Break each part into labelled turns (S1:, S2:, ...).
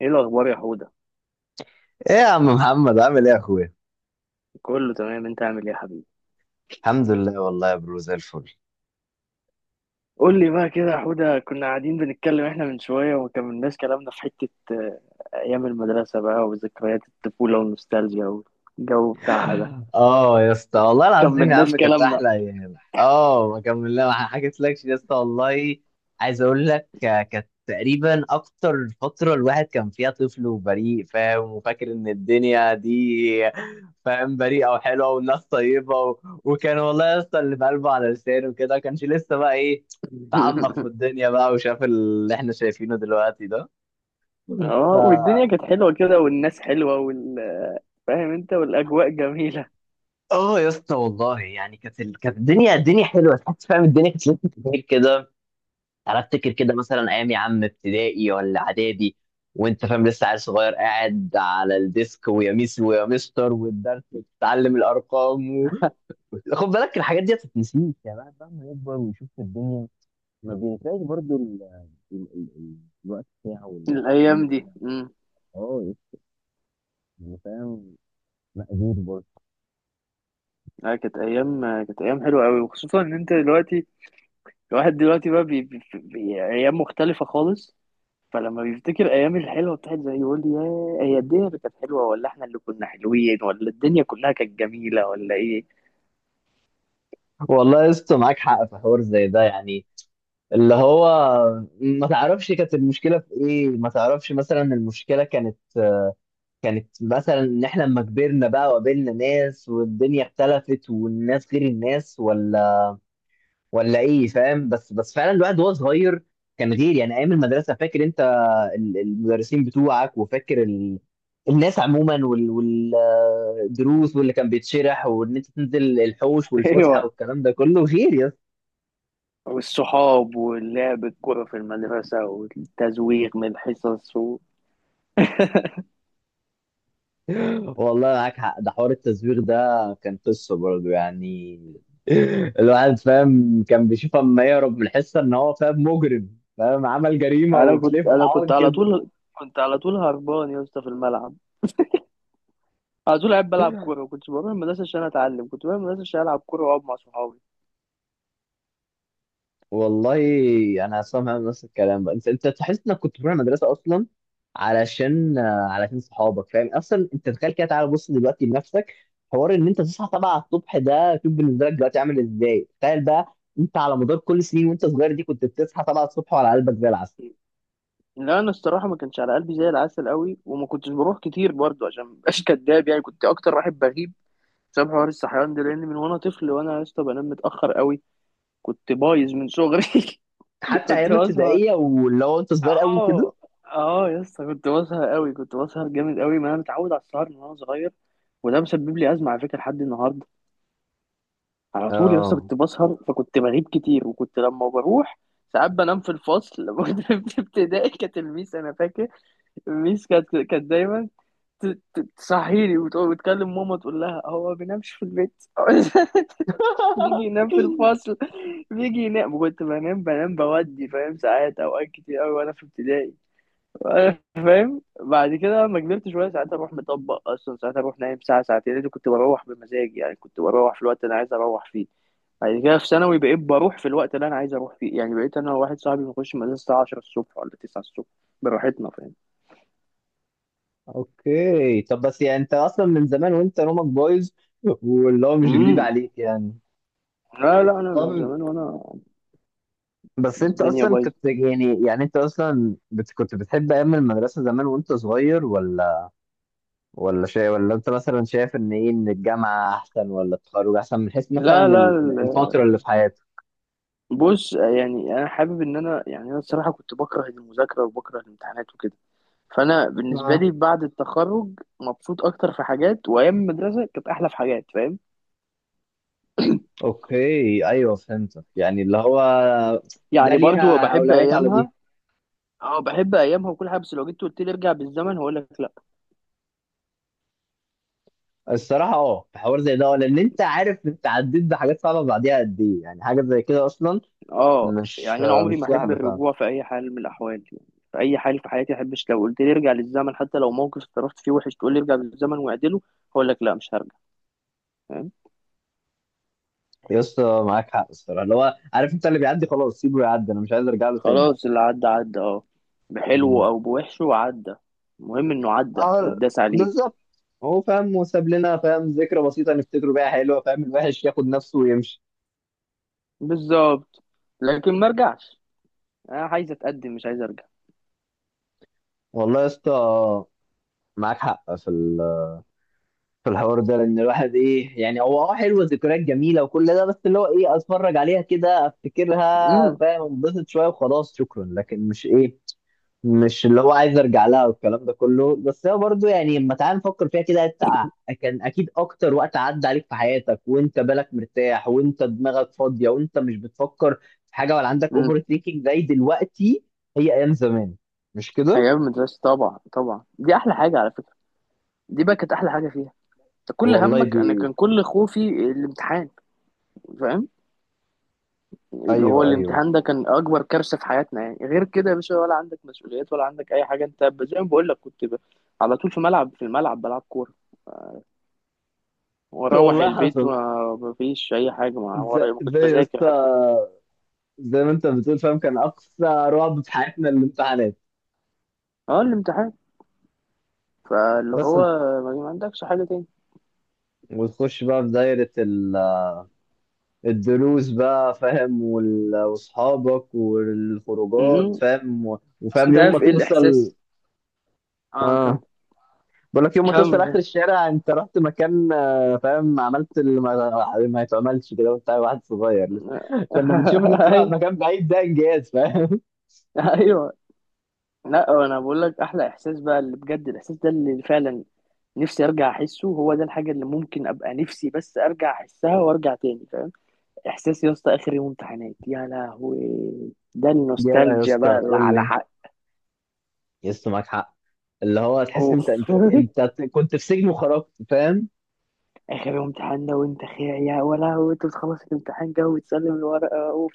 S1: ايه الاخبار يا حوده؟
S2: ايه يا عم محمد؟ عامل ايه يا اخويا؟
S1: كله تمام، انت عامل ايه يا حبيبي؟
S2: الحمد لله والله يا برو، زي الفل.
S1: قول لي بقى كده يا حوده، كنا قاعدين بنتكلم احنا من شويه وما كملناش كلامنا في حته ايام المدرسه بقى وذكريات الطفوله والنوستالجيا والجو بتاعها ده.
S2: اه يا اسطى، والله
S1: ما
S2: العظيم يا
S1: كملناش
S2: عم كانت
S1: كلامنا.
S2: احلى ايام. اه ما كملنا، ما حكيتلكش يا اسطى والله. عايز اقول لك، كانت تقريبا اكتر فتره الواحد كان فيها طفل وبريء، فاهم، وفاكر ان الدنيا دي، فاهم، بريئه وحلوه والناس طيبه، وكان والله يا اسطى اللي في قلبه على لسانه وكده، ما كانش لسه بقى ايه، تعمق في الدنيا بقى وشاف اللي احنا شايفينه دلوقتي ده.
S1: اه،
S2: ف
S1: والدنيا كانت حلوه كده والناس حلوه وال... فاهم انت، والاجواء جميله.
S2: اه يا اسطى والله يعني كانت كانت الدنيا حلوه، تحس فاهم الدنيا كانت لسه كتير كده. انا افتكر كده مثلا ايام يا عم ابتدائي ولا اعدادي، وانت فاهم لسه عيل صغير قاعد على الديسك، ويا ميس ويا مستر والدرس، وتتعلم الارقام، خد بالك الحاجات دي ما بتتنسيش. يعني الواحد بقى لما يكبر ويشوف الدنيا ما بينساش برضو ال... ال... ال- الوقت بتاعه
S1: الايام دي
S2: والدنيا. اه يا اسطى، يعني فاهم، مأجور برضه.
S1: اه كانت ايام، كانت ايام حلوه قوي، وخصوصا ان انت دلوقتي، الواحد دلوقتي بقى ايام مختلفه خالص. فلما بيفتكر ايام الحلوه بتاعت زي، يقول يا هي الدنيا اللي كانت حلوه ولا احنا اللي كنا حلوين، ولا الدنيا كلها كانت جميله ولا ايه؟
S2: والله يا اسطى معاك حق في حوار زي ده يعني، اللي هو ما تعرفش كانت المشكلة في ايه. ما تعرفش مثلا المشكلة كانت، كانت مثلا ان احنا لما كبرنا بقى وقابلنا ناس والدنيا اختلفت والناس غير الناس، ولا ايه فاهم؟ بس فعلا الواحد وهو صغير كان غير. يعني ايام المدرسة، فاكر انت المدرسين بتوعك، وفاكر الناس عموما والدروس واللي كان بيتشرح، وان انت تنزل الحوش والفسحة
S1: ايوه،
S2: والكلام ده كله غير يا.
S1: والصحاب واللعب الكوره في المدرسه والتزويق من الحصص.
S2: والله معاك حق، ده حوار التزويغ ده كان قصة برضه يعني. الواحد فاهم كان بيشوف اما يهرب من الحصة ان هو فاهم مجرم، فاهم عمل جريمة،
S1: انا
S2: وبتلاقيه
S1: كنت انا
S2: فرحان
S1: كنت على
S2: كده.
S1: طول، كنت على طول هربان يا اسطى في الملعب، على طول قاعد بلعب كوره. ما كنتش بروح المدرسه عشان اتعلم، كنت بروح المدرسه عشان العب كوره واقعد مع صحابي.
S2: والله، انا سامع نفس الكلام بقى، انت تحس انك كنت بتروح المدرسة اصلا علشان صحابك. فاهم اصلا انت تخيل كده، تعالى بص دلوقتي لنفسك، حوار ان انت تصحى 7 الصبح ده، شوف بالنسبة لك دلوقتي عامل ازاي. تخيل بقى انت على مدار كل سنين وانت صغير دي كنت بتصحى 7 الصبح وعلى قلبك زي العسل،
S1: لا انا الصراحه ما كانش على قلبي زي العسل قوي، وما كنتش بروح كتير برضه عشان مبقاش كداب، يعني كنت اكتر واحد بغيب بسبب حوار الصحيان ده، لان من وانا طفل وانا يا اسطى بنام متاخر قوي، كنت بايظ من صغري.
S2: حتى
S1: كنت
S2: ايام
S1: بسهر.
S2: ابتدائيه واللي هو انت صغير قوي كده.
S1: اه. اه يا اسطى كنت بسهر قوي، كنت بسهر جامد قوي، ما انا متعود على السهر من وانا صغير، وده مسبب لي ازمه على فكره لحد النهارده. على طول يا اسطى
S2: اه.
S1: كنت بسهر، فكنت بغيب كتير، وكنت لما بروح ساعات بنام في الفصل. لما كنت في ابتدائي كانت الميس، انا فاكر الميس كانت دايما ت- تصحيني وتكلم ماما تقول لها هو ما بينامش في البيت. بيجي ينام في الفصل، بيجي ينام. كنت بنام بودي فاهم ساعات، اوقات كتير قوي وانا في ابتدائي. وأنا فاهم بعد كده لما كبرت شويه، ساعات اروح مطبق اصلا، ساعات اروح نايم ساعه ساعتين، لأن كنت بروح بمزاجي، يعني كنت بروح في الوقت اللي انا عايز اروح فيه. بعد كده في ثانوي بقيت بروح في الوقت اللي انا عايز اروح فيه، يعني بقيت انا وواحد صاحبي بنخش المدرسه الساعه 10 الصبح ولا 9 الصبح، براحتنا فاهم.
S2: اوكي طب، بس يعني انت اصلا من زمان وانت نومك بايظ، واللي هو مش جديد
S1: امم
S2: عليك يعني.
S1: لا لا انا
S2: طب
S1: من زمان وانا
S2: بس انت
S1: الدنيا
S2: اصلا
S1: بايظه.
S2: كنت يعني، يعني انت اصلا بت، كنت بتحب ايام المدرسه زمان وانت صغير، ولا شيء؟ ولا انت مثلا شايف ان ايه، ان الجامعه احسن ولا التخرج احسن، من حيث مثلا
S1: لا لا،
S2: الفتره اللي في حياتك؟
S1: بص، يعني انا حابب ان انا، يعني انا الصراحه كنت بكره المذاكره وبكره الامتحانات وكده، فانا بالنسبه
S2: اه
S1: لي بعد التخرج مبسوط اكتر في حاجات، وايام المدرسه كانت احلى في حاجات فاهم.
S2: اوكي ايوه فهمتك، يعني اللي هو ده
S1: يعني برضو
S2: ليها
S1: بحب
S2: اولويات على دي.
S1: ايامها، اه بحب ايامها وكل حاجه، بس لو جيت قلت لي ارجع بالزمن هقول لك لا.
S2: الصراحة اه في حوار زي ده، لأن أنت عارف أنت عديت بحاجات صعبة بعديها قد إيه يعني حاجة زي كده أصلا.
S1: اه
S2: مش
S1: يعني انا
S2: آه،
S1: عمري
S2: مش
S1: ما احب
S2: سهلة فعلا.
S1: الرجوع في اي حال من الاحوال، يعني في اي حال في حياتي ما احبش، لو قلت لي ارجع للزمن حتى لو موقف اتصرفت فيه وحش، تقول لي ارجع بالزمن واعدله، هقول لك لا مش هرجع، فاهم.
S2: يا اسطى معاك حق الصراحة، اللي هو عارف أنت اللي بيعدي خلاص سيبه يعدي، أنا مش عايز أرجع له تاني.
S1: خلاص اللي عدى عدى، اه، بحلوه
S2: مم.
S1: او بوحشه عدى، المهم انه عدى
S2: اه،
S1: واتداس عليه.
S2: بالظبط. هو فاهم وساب لنا فاهم ذكرى بسيطة نفتكره بيها حلوة، فاهم الوحش ياخد نفسه ويمشي.
S1: بالظبط، لكن ما رجعش، انا عايز اتقدم مش عايز ارجع.
S2: والله يا اسطى معاك حق في الحوار ده، لان الواحد ايه يعني، هو اه حلوه ذكريات جميله وكل ده، بس اللي هو ايه اتفرج عليها كده افتكرها
S1: امم
S2: فاهم، انبسط شويه وخلاص شكرا، لكن مش ايه، مش اللي هو عايز ارجع لها والكلام ده كله. بس هو برضو يعني، لما تعال نفكر فيها كده، انت كان اكيد اكتر وقت عدى عليك في حياتك وانت بالك مرتاح وانت دماغك فاضيه وانت مش بتفكر في حاجه، ولا عندك
S1: امم
S2: اوفر ثينكينج زي دلوقتي. هي ايام زمان، مش كده؟
S1: ايام المدرسه طبعا طبعا دي احلى حاجه على فكره، دي بقى كانت احلى حاجه فيها. انت كل
S2: والله
S1: همك،
S2: دي
S1: انا كان كل خوفي الامتحان، فاهم، اللي هو
S2: ايوه ايوه.
S1: الامتحان ده كان اكبر كارثه في حياتنا، يعني غير كده يا باشا ولا عندك مسؤوليات ولا عندك اي حاجه، انت زي ما بقول لك على طول في ملعب، في الملعب بلعب كوره، واروح
S2: والله
S1: البيت
S2: حصل،
S1: وما فيش اي حاجه ما
S2: زي
S1: ورا، ما كنتش
S2: زي
S1: بذاكر حتى كنت.
S2: يسطا، زي ما انت بتقول فاهم كان اقصى رعب في حياتنا الامتحانات.
S1: اه الامتحان، فاللي
S2: بس
S1: هو ما عندكش حاجه تاني.
S2: وتخش بقى في دايرة الدروس بقى، فاهم، واصحابك والخروجات
S1: امم
S2: فاهم،
S1: بس
S2: وفاهم
S1: انت
S2: يوم ما
S1: عارف ايه
S2: توصل.
S1: الاحساس؟ اه. كم
S2: اه، بقول لك يوم ما توصل
S1: كم كم.
S2: اخر الشارع، انت رحت مكان، فاهم عملت اللي ما يتعملش كده وانت واحد صغير لسه. كنا بنشوف انك تروح على
S1: ايوه
S2: مكان بعيد ده انجاز، فاهم.
S1: ايوه. لا انا بقول لك احلى احساس بقى، اللي بجد الاحساس ده اللي فعلا نفسي ارجع احسه، هو ده الحاجه اللي ممكن ابقى نفسي بس ارجع احسها وارجع تاني فاهم، احساس يا اسطى اخر يوم امتحانات يا لهوي، ده
S2: يا
S1: النوستالجيا
S2: اسطى
S1: بقى اللي
S2: تقول
S1: على
S2: لي،
S1: حق.
S2: يس معاك حق، اللي هو تحس
S1: اوف.
S2: انت كنت في سجن وخرجت، فاهم.
S1: اخر امتحان ده وانت خير يا، ولا هو انت بتخلص الامتحان كده وتسلم الورقه، اوف.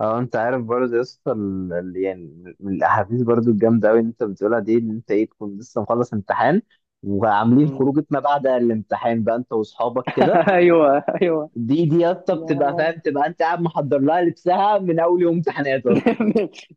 S2: اه انت عارف برضه يا اسطى يعني من الاحاديث برضه الجامده قوي اللي انت بتقولها دي، ان انت ايه تكون لسه مخلص امتحان، وعاملين
S1: مم.
S2: خروجه ما بعد الامتحان بقى انت واصحابك كده.
S1: ايوه ايوه.
S2: دي يا اسطى بتبقى
S1: يا
S2: فاهم، تبقى انت قاعد محضر لها لبسها من اول يوم امتحانات
S1: من،
S2: اصلا.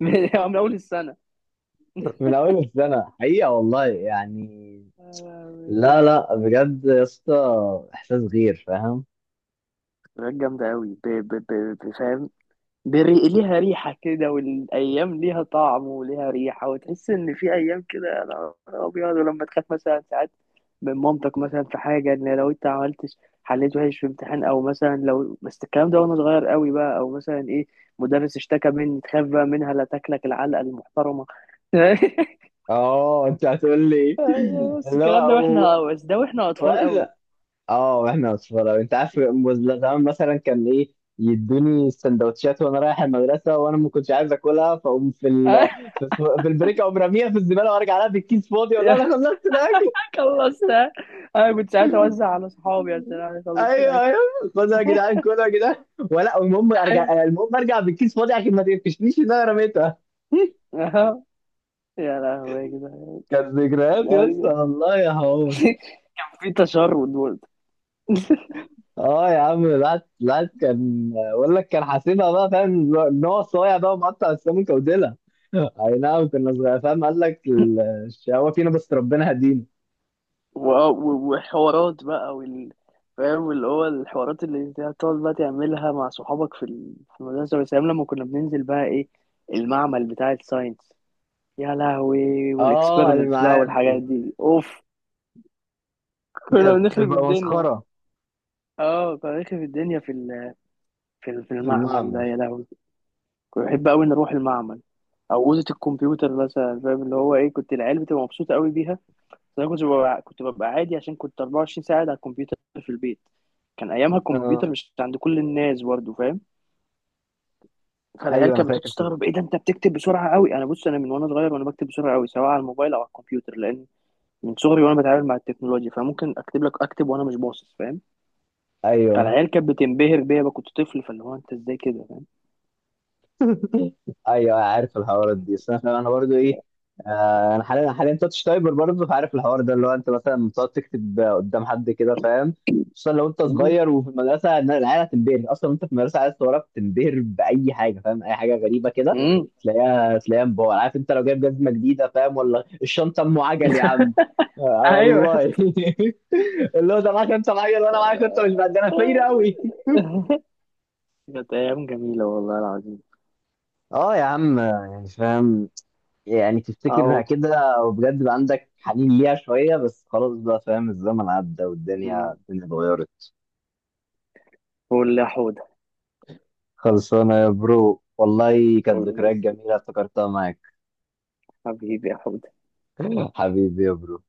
S1: من اول السنه.
S2: من اول السنه حقيقه والله يعني.
S1: يا
S2: لا
S1: لهوي.
S2: لا بجد يا اسطى احساس غير، فاهم.
S1: حاجات جامده قوي، فاهم. ليها ريحة كده، والأيام ليها طعم وليها ريحة، وتحس إن في أيام كده يا نهار أبيض، ولما تخاف مثلا ساعات من مامتك مثلا في حاجة، إن لو أنت عملتش، حليت وحش في امتحان، أو مثلا لو، بس الكلام ده وأنا صغير قوي بقى، أو مثلا إيه، مدرس اشتكى مني، تخاف بقى منها لا تاكلك العلقة المحترمة.
S2: اه انت هتقول لي
S1: بس
S2: اللي
S1: الكلام ده
S2: هو
S1: وإحنا، بس ده وإحنا أطفال قوي.
S2: واحنا، اه واحنا اصفر، انت عارف زمان مثلا كان ايه يدوني السندوتشات وانا رايح المدرسه وانا ما كنتش عايز اكلها، فاقوم في في البريك اقوم راميها في الزباله وارجع لها بالكيس فاضي اقول لها انا
S1: يا
S2: خلصت الاكل.
S1: خلصت. أنا كنت ساعتها أوزع على صحابي عشان أنا أخلص
S2: ايوه ايوه خدها يا جدعان كلها يا جدعان، ولا المهم
S1: الأكل.
S2: ارجع، المهم ارجع بالكيس فاضي عشان ما تقفشنيش ان انا رميتها.
S1: يا لهوي يا جدعان،
S2: كانت ذكريات يا اسطى
S1: يعني.
S2: والله يا هو.
S1: في تشرد برضه.
S2: اه يا عم، العاد كان بقول لك كان حاسبها بقى فاهم ان هو صايع بقى ومقطع السمكه وديلها. اي نعم كنا صغير، فاهم قال لك الشقاوه فينا بس ربنا هدينا.
S1: وحوارات بقى وال، فاهم اللي هو الحوارات اللي انت هتقعد بقى تعملها مع صحابك في المدرسة، بس أيام لما كنا بننزل بقى ايه، المعمل بتاع الساينس، يا لهوي،
S2: اه
S1: والاكسبيرمنتس بقى
S2: المعامل
S1: والحاجات دي اوف، كنا
S2: كانت
S1: بنخرب
S2: تبقى
S1: الدنيا.
S2: مسخره.
S1: اه كنا بنخرب الدنيا في
S2: في
S1: المعمل ده،
S2: المعمل،
S1: يا لهوي. كنت بحب قوي نروح المعمل او اوضه الكمبيوتر مثلا، فاهم اللي هو ايه، كنت العيال بتبقى مبسوطه قوي بيها، بس انا كنت ببقى كنت ببقى عادي، عشان كنت 24 ساعه قاعد على الكمبيوتر في البيت، كان ايامها
S2: اه.
S1: الكمبيوتر مش عند كل الناس برضه فاهم. فالعيال
S2: ايوه انا
S1: كانت
S2: فاكر صدق.
S1: بتستغرب، ايه ده انت بتكتب بسرعه قوي؟ انا بص، انا من وانا صغير وانا بكتب بسرعه قوي سواء على الموبايل او على الكمبيوتر، لان من صغري وانا بتعامل مع التكنولوجيا، فممكن اكتب لك اكتب وانا مش باصص فاهم.
S2: ايوه
S1: فالعيال كانت بتنبهر بيا بقى، كنت طفل، فاللي هو انت ازاي كده فاهم.
S2: ايوه عارف الحوارات دي. بس انا برضو ايه، انا حاليا تاتش تايبر برضو، فعارف الحوار ده اللي هو انت مثلا بتقعد تكتب قدام حد كده، فاهم. خصوصا لو انت
S1: مم.
S2: صغير وفي المدرسه إن العيال هتنبهر، اصلا انت في المدرسه عايز وراك تنبهر باي حاجه، فاهم اي حاجه غريبه كده
S1: مم.
S2: تلاقيها مبهر. عارف انت لو جايب جزمه جديده فاهم، ولا الشنطه ام عجل يا عم. آه
S1: ايوه يا
S2: والله.
S1: اسطى.
S2: اللي هو ده معاك انت معايا وانا معاك انت مش بعد ده، انا فاير قوي.
S1: كانت ايام جميله والله العظيم.
S2: اه يا عم يعني فاهم، يعني تفتكرها
S1: اهو.
S2: كده وبجد بقى عندك حنين ليها شوية، بس خلاص بقى فاهم الزمن عدى والدنيا
S1: مم.
S2: اتغيرت.
S1: قول لي يا حوده.
S2: خلصانة يا برو والله كانت
S1: قول لي يا
S2: ذكريات جميلة
S1: سيدي.
S2: افتكرتها معاك.
S1: حبيبي يا حوده.
S2: حبيبي يا برو.